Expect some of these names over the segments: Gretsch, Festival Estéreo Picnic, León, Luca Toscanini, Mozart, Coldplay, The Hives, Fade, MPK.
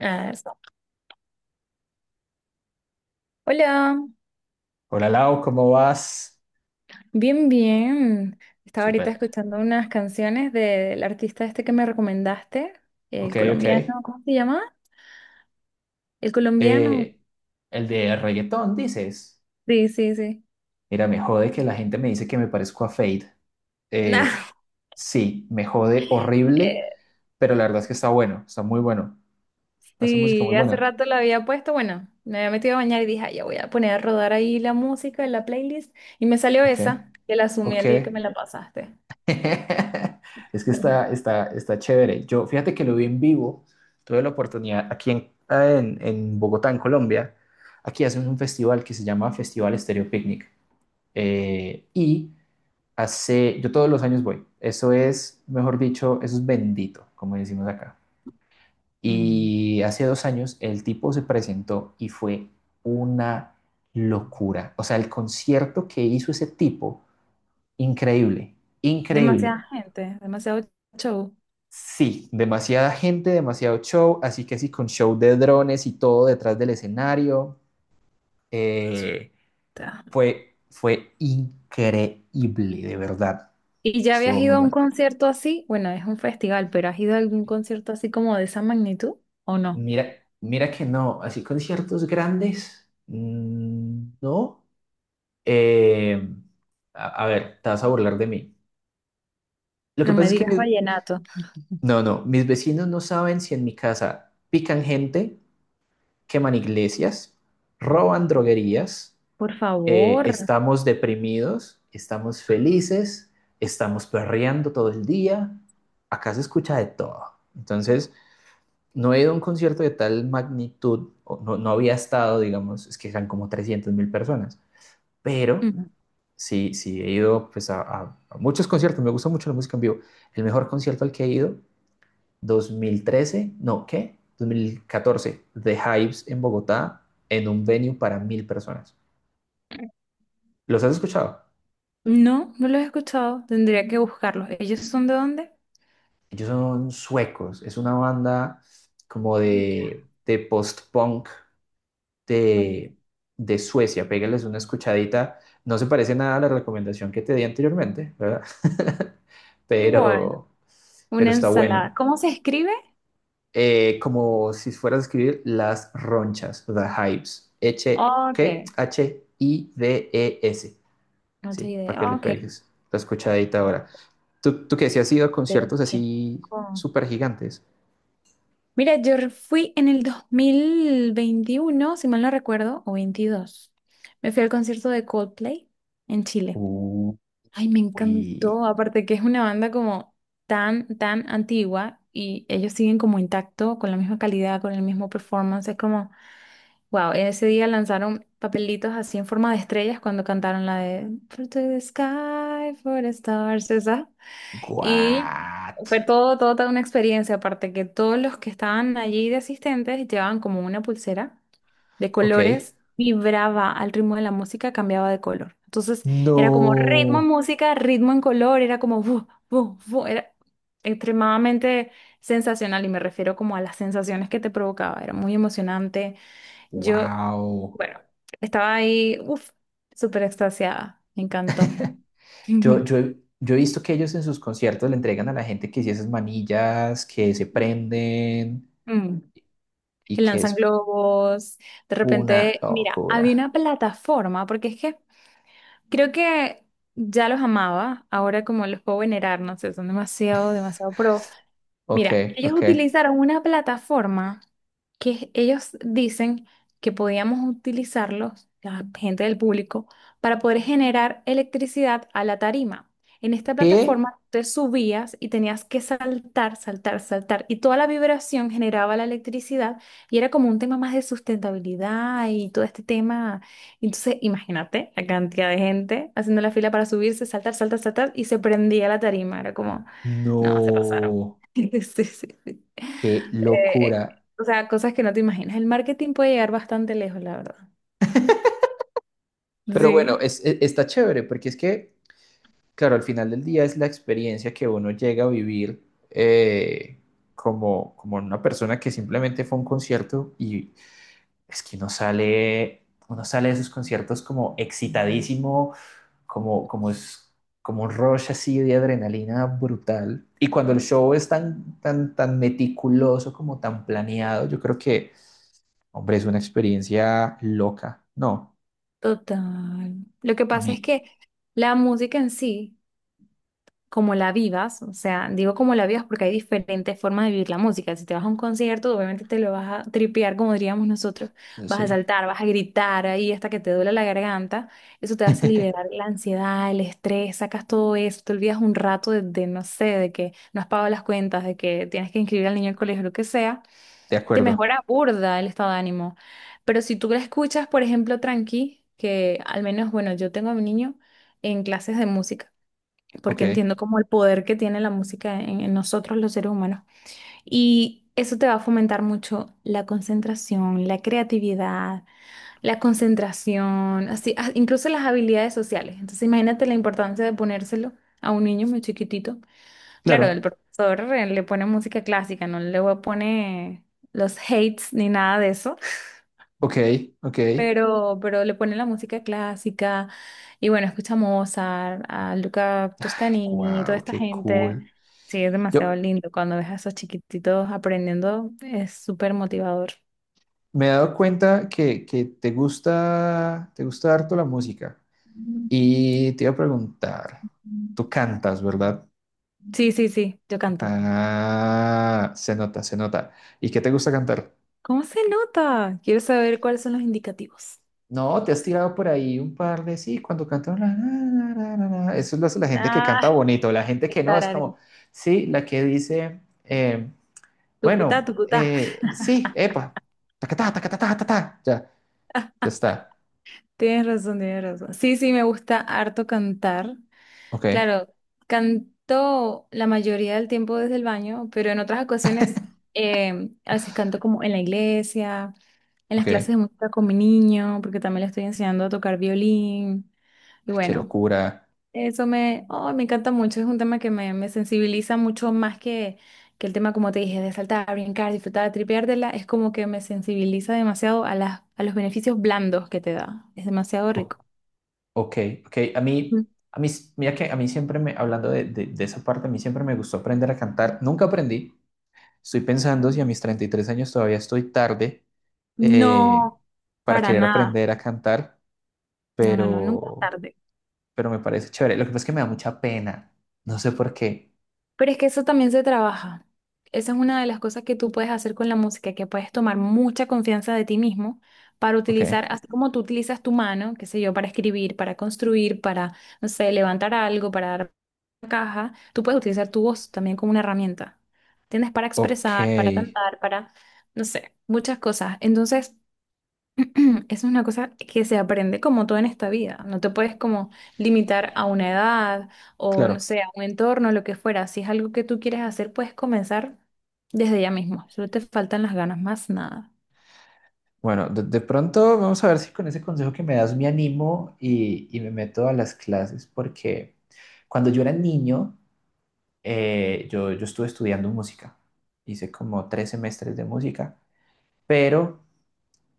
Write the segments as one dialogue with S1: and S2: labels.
S1: Ah, eso. Hola,
S2: Hola Lau, ¿cómo vas?
S1: bien, bien. Estaba ahorita
S2: Súper.
S1: escuchando unas canciones del artista este que me recomendaste,
S2: Ok,
S1: el
S2: ok.
S1: colombiano, ¿cómo se llama? El colombiano.
S2: Eh, el de reggaetón, dices.
S1: Sí, sí, sí.
S2: Mira, me jode que la gente me dice que me parezco a Fade.
S1: Nah,
S2: Eh, sí, me jode horrible,
S1: Eh,
S2: pero la verdad es que está bueno, está muy bueno. Hace música
S1: sí,
S2: muy
S1: hace
S2: buena.
S1: rato la había puesto, bueno, me había metido a bañar y dije, "Ay, ya voy a poner a rodar ahí la música en la playlist y me salió
S2: Ok,
S1: esa, que la sumé
S2: ok.
S1: el día que me la pasaste."
S2: Es que está, está, está chévere. Yo, fíjate que lo vi en vivo. Tuve la oportunidad aquí en Bogotá, en Colombia. Aquí hacen un festival que se llama Festival Estéreo Picnic. Y hace, yo todos los años voy. Eso es, mejor dicho, eso es bendito, como decimos acá.
S1: Mm.
S2: Y hace 2 años el tipo se presentó y fue una locura. O sea, el concierto que hizo ese tipo, increíble, increíble.
S1: Demasiada gente, demasiado show.
S2: Sí, demasiada gente, demasiado show, así que sí, con show de drones y todo detrás del escenario. Eh, fue increíble, de verdad.
S1: ¿Y ya habías
S2: Estuvo
S1: ido
S2: muy
S1: a un
S2: bueno.
S1: concierto así? Bueno, es un festival, pero ¿has ido a algún concierto así como de esa magnitud o no?
S2: Mira, mira que no, así conciertos grandes, no. Eh, a ver, te vas a burlar de mí. Lo que
S1: No
S2: pasa
S1: me
S2: es que
S1: digas vallenato,
S2: mis vecinos no saben si en mi casa pican gente, queman iglesias, roban droguerías,
S1: por favor.
S2: estamos deprimidos, estamos felices, estamos perreando todo el día. Acá se escucha de todo. Entonces, no he ido a un concierto de tal magnitud, o no, no había estado, digamos, es que eran como 300 mil personas, pero
S1: Mm.
S2: sí, sí he ido pues, a muchos conciertos, me gusta mucho la música en vivo. El mejor concierto al que he ido, 2013, no, ¿qué? 2014, The Hives en Bogotá, en un venue para 1000 personas. ¿Los has escuchado?
S1: No, no los he escuchado, tendría que buscarlos. ¿Ellos son de dónde?
S2: Ellos son suecos, es una banda
S1: Ah,
S2: como
S1: mira.
S2: de post-punk
S1: Ok.
S2: de, de Suecia. Pégales una escuchadita. No se parece nada a la recomendación que te di anteriormente, ¿verdad?
S1: Bueno,
S2: Pero, pero
S1: una
S2: está bueno.
S1: ensalada. ¿Cómo se escribe?
S2: Como si fueras a escribir las ronchas, the hives. H,
S1: Ok,
S2: ¿qué? H I D e s.
S1: no tengo
S2: Sí, para que
S1: idea.
S2: le
S1: Ok.
S2: pegues la escuchadita ahora. ¿Tú qué? ¿Si has ido a
S1: Pero
S2: conciertos
S1: mira,
S2: así
S1: con-
S2: súper gigantes?
S1: mira, fui en el 2021, si mal no recuerdo, o 22. Me fui al concierto de Coldplay en Chile.
S2: Uy,
S1: Ay, me encantó. Aparte que es una banda como tan antigua y ellos siguen como intacto, con la misma calidad, con el mismo performance. Es como, wow, ese día lanzaron papelitos así en forma de estrellas cuando cantaron la de For to the Sky, for the Stars, esa. Y
S2: what?
S1: fue todo toda una experiencia, aparte que todos los que estaban allí de asistentes llevaban como una pulsera de
S2: Ok.
S1: colores, vibraba al ritmo de la música, cambiaba de color. Entonces era como ritmo en
S2: No.
S1: música, ritmo en color, era como bu, bu, bu, era extremadamente sensacional y me refiero como a las sensaciones que te provocaba, era muy emocionante. Yo,
S2: Wow.
S1: bueno, estaba ahí, uff, súper extasiada, me encantó.
S2: Yo, yo, he- yo he visto que ellos en sus conciertos le entregan a la gente que sí esas manillas que se prenden
S1: Mm. Y
S2: y que
S1: lanzan
S2: es
S1: globos. De
S2: una
S1: repente, mira,
S2: locura.
S1: había una plataforma, porque es que creo que ya los amaba, ahora como los puedo venerar, no sé, son demasiado pro.
S2: Ok,
S1: Mira, ellos
S2: ok.
S1: utilizaron una plataforma que ellos dicen que podíamos utilizarlos, la gente del público, para poder generar electricidad a la tarima. En esta
S2: ¿Qué?
S1: plataforma te subías y tenías que saltar, saltar, saltar, y toda la vibración generaba la electricidad y era como un tema más de sustentabilidad y todo este tema. Entonces, imagínate la cantidad de gente haciendo la fila para subirse, saltar, saltar, saltar, y se prendía la tarima. Era como... No, se pasaron.
S2: No,
S1: Sí, sí, sí.
S2: qué
S1: Eh,
S2: locura.
S1: o sea, cosas que no te imaginas. El marketing puede llegar bastante lejos, la verdad.
S2: Pero bueno,
S1: Sí,
S2: es- está chévere porque es que, claro, al final del día es la experiencia que uno llega a vivir, eh, como, como una persona que simplemente fue a un concierto y es que uno sale de esos conciertos como excitadísimo, como, como es como un rush así de adrenalina brutal. Y cuando el show es tan, tan, tan meticuloso, como tan planeado, yo creo que, hombre, es una experiencia loca. No,
S1: total. Lo que
S2: a
S1: pasa es
S2: mí,
S1: que la música en sí, como la vivas, o sea, digo como la vivas porque hay diferentes formas de vivir la música. Si te vas a un concierto, obviamente te lo vas a tripear, como diríamos nosotros, vas a
S2: sí.
S1: saltar, vas a gritar ahí hasta que te duele la garganta. Eso te hace liberar la ansiedad, el estrés, sacas todo eso, te olvidas un rato de no sé, de que no has pagado las cuentas, de que tienes que inscribir al niño al colegio, lo que sea.
S2: De
S1: Te
S2: acuerdo.
S1: mejora burda el estado de ánimo. Pero si tú la escuchas, por ejemplo, tranqui, que al menos, bueno, yo tengo a mi niño en clases de música
S2: Ok,
S1: porque entiendo como el poder que tiene la música en nosotros los seres humanos. Y eso te va a fomentar mucho la concentración, la creatividad, la concentración, así, ah, incluso las habilidades sociales. Entonces imagínate la importancia de ponérselo a un niño muy chiquitito. Claro, el
S2: claro.
S1: profesor le pone música clásica, no le pone los hates ni nada de eso,
S2: Ok, ok. Ay,
S1: pero le ponen la música clásica y bueno, escucha a Mozart, a Luca Toscanini, toda
S2: wow,
S1: esta
S2: qué
S1: gente.
S2: cool.
S1: Sí, es demasiado
S2: Yo
S1: lindo. Cuando ves a esos chiquititos aprendiendo, es súper motivador.
S2: me he dado cuenta que te gusta harto la música. Y te iba a preguntar, tú cantas, ¿verdad?
S1: Sí, sí, sí, yo canto.
S2: Ah, se nota, se nota. ¿Y qué te gusta cantar?
S1: ¿Cómo se nota? Quiero saber cuáles son los indicativos.
S2: No, te has tirado por ahí un par de sí, cuando cantan la, la, la, la, la, la". Eso es la la gente que
S1: Ah,
S2: canta bonito, la gente
S1: qué
S2: que no, es
S1: tarare.
S2: como, sí, la que dice,
S1: Tucutá,
S2: bueno,
S1: tucutá.
S2: sí, epa, tacatá, tacatá, tacatá, ya, ya está.
S1: Tienes razón, tienes razón. Sí, sí, me gusta harto cantar.
S2: Ok,
S1: Claro, canto la mayoría del tiempo desde el baño, pero en otras ocasiones a veces canto como en la iglesia, en las
S2: ok,
S1: clases de
S2: ay,
S1: música con mi niño, porque también le estoy enseñando a tocar violín. Y
S2: qué
S1: bueno,
S2: locura.
S1: eso me, oh, me encanta mucho, es un tema que me sensibiliza mucho más que el tema, como te dije, de saltar, brincar, disfrutar, tripeártela, es como que me sensibiliza demasiado a a los beneficios blandos que te da. Es demasiado
S2: Ok,
S1: rico.
S2: ok, ok.
S1: Ujú.
S2: A mí, mira que a mí siempre me, hablando de esa parte, a mí siempre me gustó aprender a cantar. Nunca aprendí. Estoy pensando si a mis 33 años todavía estoy tarde eh,
S1: No,
S2: para
S1: para
S2: querer
S1: nada.
S2: aprender a cantar,
S1: No, no, no, nunca es
S2: pero,
S1: tarde.
S2: pero me parece chévere. Lo que pasa es que me da mucha pena. No sé por qué.
S1: Pero es que eso también se trabaja. Esa es una de las cosas que tú puedes hacer con la música, que puedes tomar mucha confianza de ti mismo para
S2: Ok,
S1: utilizar, así como tú utilizas tu mano, qué sé yo, para escribir, para construir, para, no sé, levantar algo, para dar una caja, tú puedes utilizar tu voz también como una herramienta. Tienes para expresar, para
S2: ok.
S1: cantar, para, no sé, muchas cosas. Entonces, es una cosa que se aprende como todo en esta vida. No te puedes como limitar a una edad o no
S2: Claro.
S1: sé, a un entorno, lo que fuera. Si es algo que tú quieres hacer, puedes comenzar desde ya mismo. Solo te faltan las ganas, más nada.
S2: Bueno, de pronto vamos a ver si con ese consejo que me das me animo y me meto a las clases, porque cuando yo era niño... Yo estuve estudiando música, hice como 3 semestres de música, pero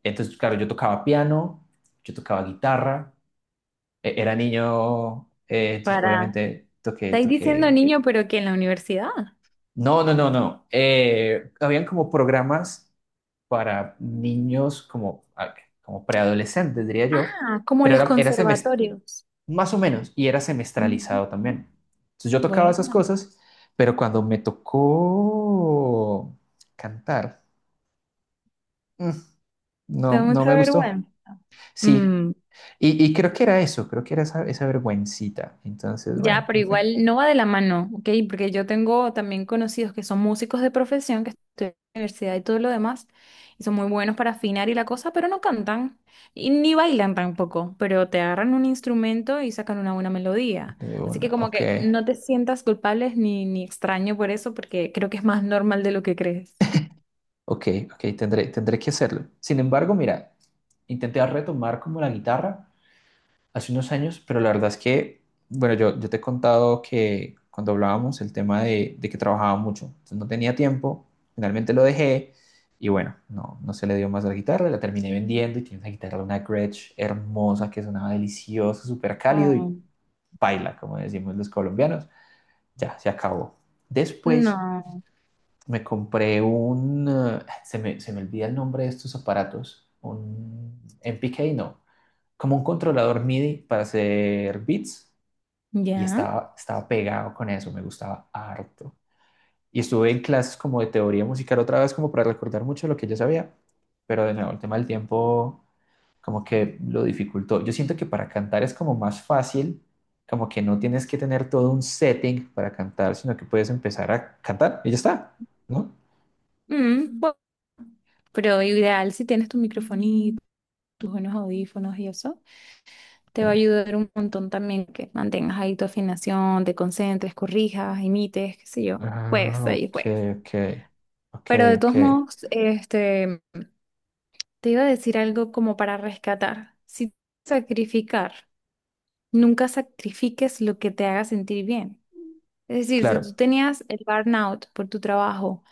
S2: entonces, claro, yo tocaba piano, yo tocaba guitarra, e- era niño, entonces
S1: Para,
S2: obviamente toqué,
S1: estáis diciendo
S2: toqué...
S1: niño, pero que en la universidad.
S2: No, no, no, no. Habían como programas para niños como, ah, como preadolescentes, diría yo,
S1: Ah, como
S2: pero
S1: los
S2: era semest-.
S1: conservatorios.
S2: Más o menos, y era
S1: Mm.
S2: semestralizado también. Entonces yo tocaba esas
S1: Bueno,
S2: cosas, pero cuando me tocó cantar, mm,
S1: te
S2: no,
S1: da
S2: no
S1: mucha
S2: me gustó.
S1: vergüenza.
S2: Sí,
S1: Mm.
S2: y creo que era eso, creo que era esa vergüencita. Entonces,
S1: Ya,
S2: bueno,
S1: pero
S2: me fui.
S1: igual no va de la mano, ¿ok? Porque yo tengo también conocidos que son músicos de profesión, que estudian en la universidad y todo lo demás, y son muy buenos para afinar y la cosa, pero no cantan y ni bailan tampoco, pero te agarran un instrumento y sacan una buena melodía.
S2: De
S1: Así que
S2: una,
S1: como
S2: ok,
S1: que no te sientas culpable ni extraño por eso, porque creo que es más normal de lo que crees.
S2: ok, ok, tendré que hacerlo. Sin embargo, mira, intenté retomar como la guitarra hace unos años, pero la verdad es que, bueno, yo te he contado que cuando hablábamos el tema de que trabajaba mucho, entonces no tenía tiempo, finalmente lo dejé y bueno, no, no se le dio más a la guitarra, la terminé vendiendo y tiene una guitarra, una Gretsch hermosa que sonaba delicioso, súper cálido y
S1: Oh,
S2: paila, como decimos los colombianos, ya, se acabó. Después
S1: no,
S2: me compré un, se me olvida el nombre de estos aparatos, un MPK, no, como un controlador MIDI para hacer beats y
S1: ya.
S2: estaba pegado con eso, me gustaba harto. Y estuve en clases como de teoría musical otra vez, como para recordar mucho lo que yo sabía, pero de nuevo el tema del tiempo como que lo dificultó. Yo siento que para cantar es como más fácil, como que no tienes que tener todo un setting para cantar, sino que puedes empezar a cantar y ya está, ¿no?
S1: Mm, bu- pero ideal si tienes tu microfonito, tus buenos audífonos y eso.
S2: Ok,
S1: Te va a ayudar un montón también que mantengas ahí tu afinación, te concentres, corrijas, imites, qué sé yo,
S2: ah,
S1: juegues ahí,
S2: ok,
S1: juegues.
S2: ok, ok,
S1: Pero de
S2: ok,
S1: todos modos, este, te iba a decir algo como para rescatar. Si sacrificar, nunca sacrifiques lo que te haga sentir bien. Es decir, si tú
S2: claro.
S1: tenías el burnout por tu trabajo,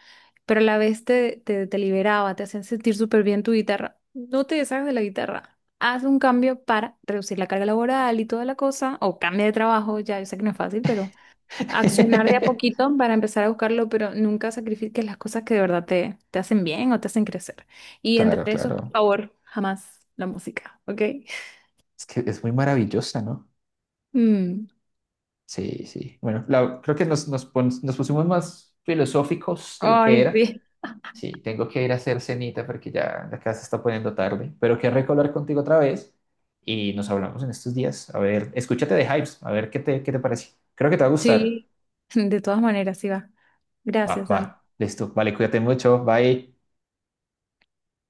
S1: pero a la vez te liberaba, te hacían sentir súper bien tu guitarra. No te deshagas de la guitarra. Haz un cambio para reducir la carga laboral y toda la cosa, o cambia de trabajo, ya yo sé que no es fácil, pero accionar de a poquito para empezar a buscarlo, pero nunca sacrifiques las cosas que de verdad te hacen bien o te hacen crecer. Y entre
S2: Claro,
S1: eso, por
S2: claro.
S1: favor, jamás la música, ¿ok?
S2: Es que es muy maravillosa, ¿no?
S1: Mm.
S2: Sí, sí. Bueno, la- creo que nos pusimos más filosóficos de lo que
S1: Ay,
S2: era.
S1: sí.
S2: Sí, tengo que ir a hacer cenita porque ya la casa se está poniendo tarde. Pero qué rico hablar contigo otra vez y nos hablamos en estos días. A ver, escúchate de Hypes, a ver qué te parece. Creo que te va a gustar.
S1: Sí, de todas maneras, sí va.
S2: Va,
S1: Gracias,
S2: va,
S1: Santi.
S2: listo. Vale, cuídate mucho. Bye.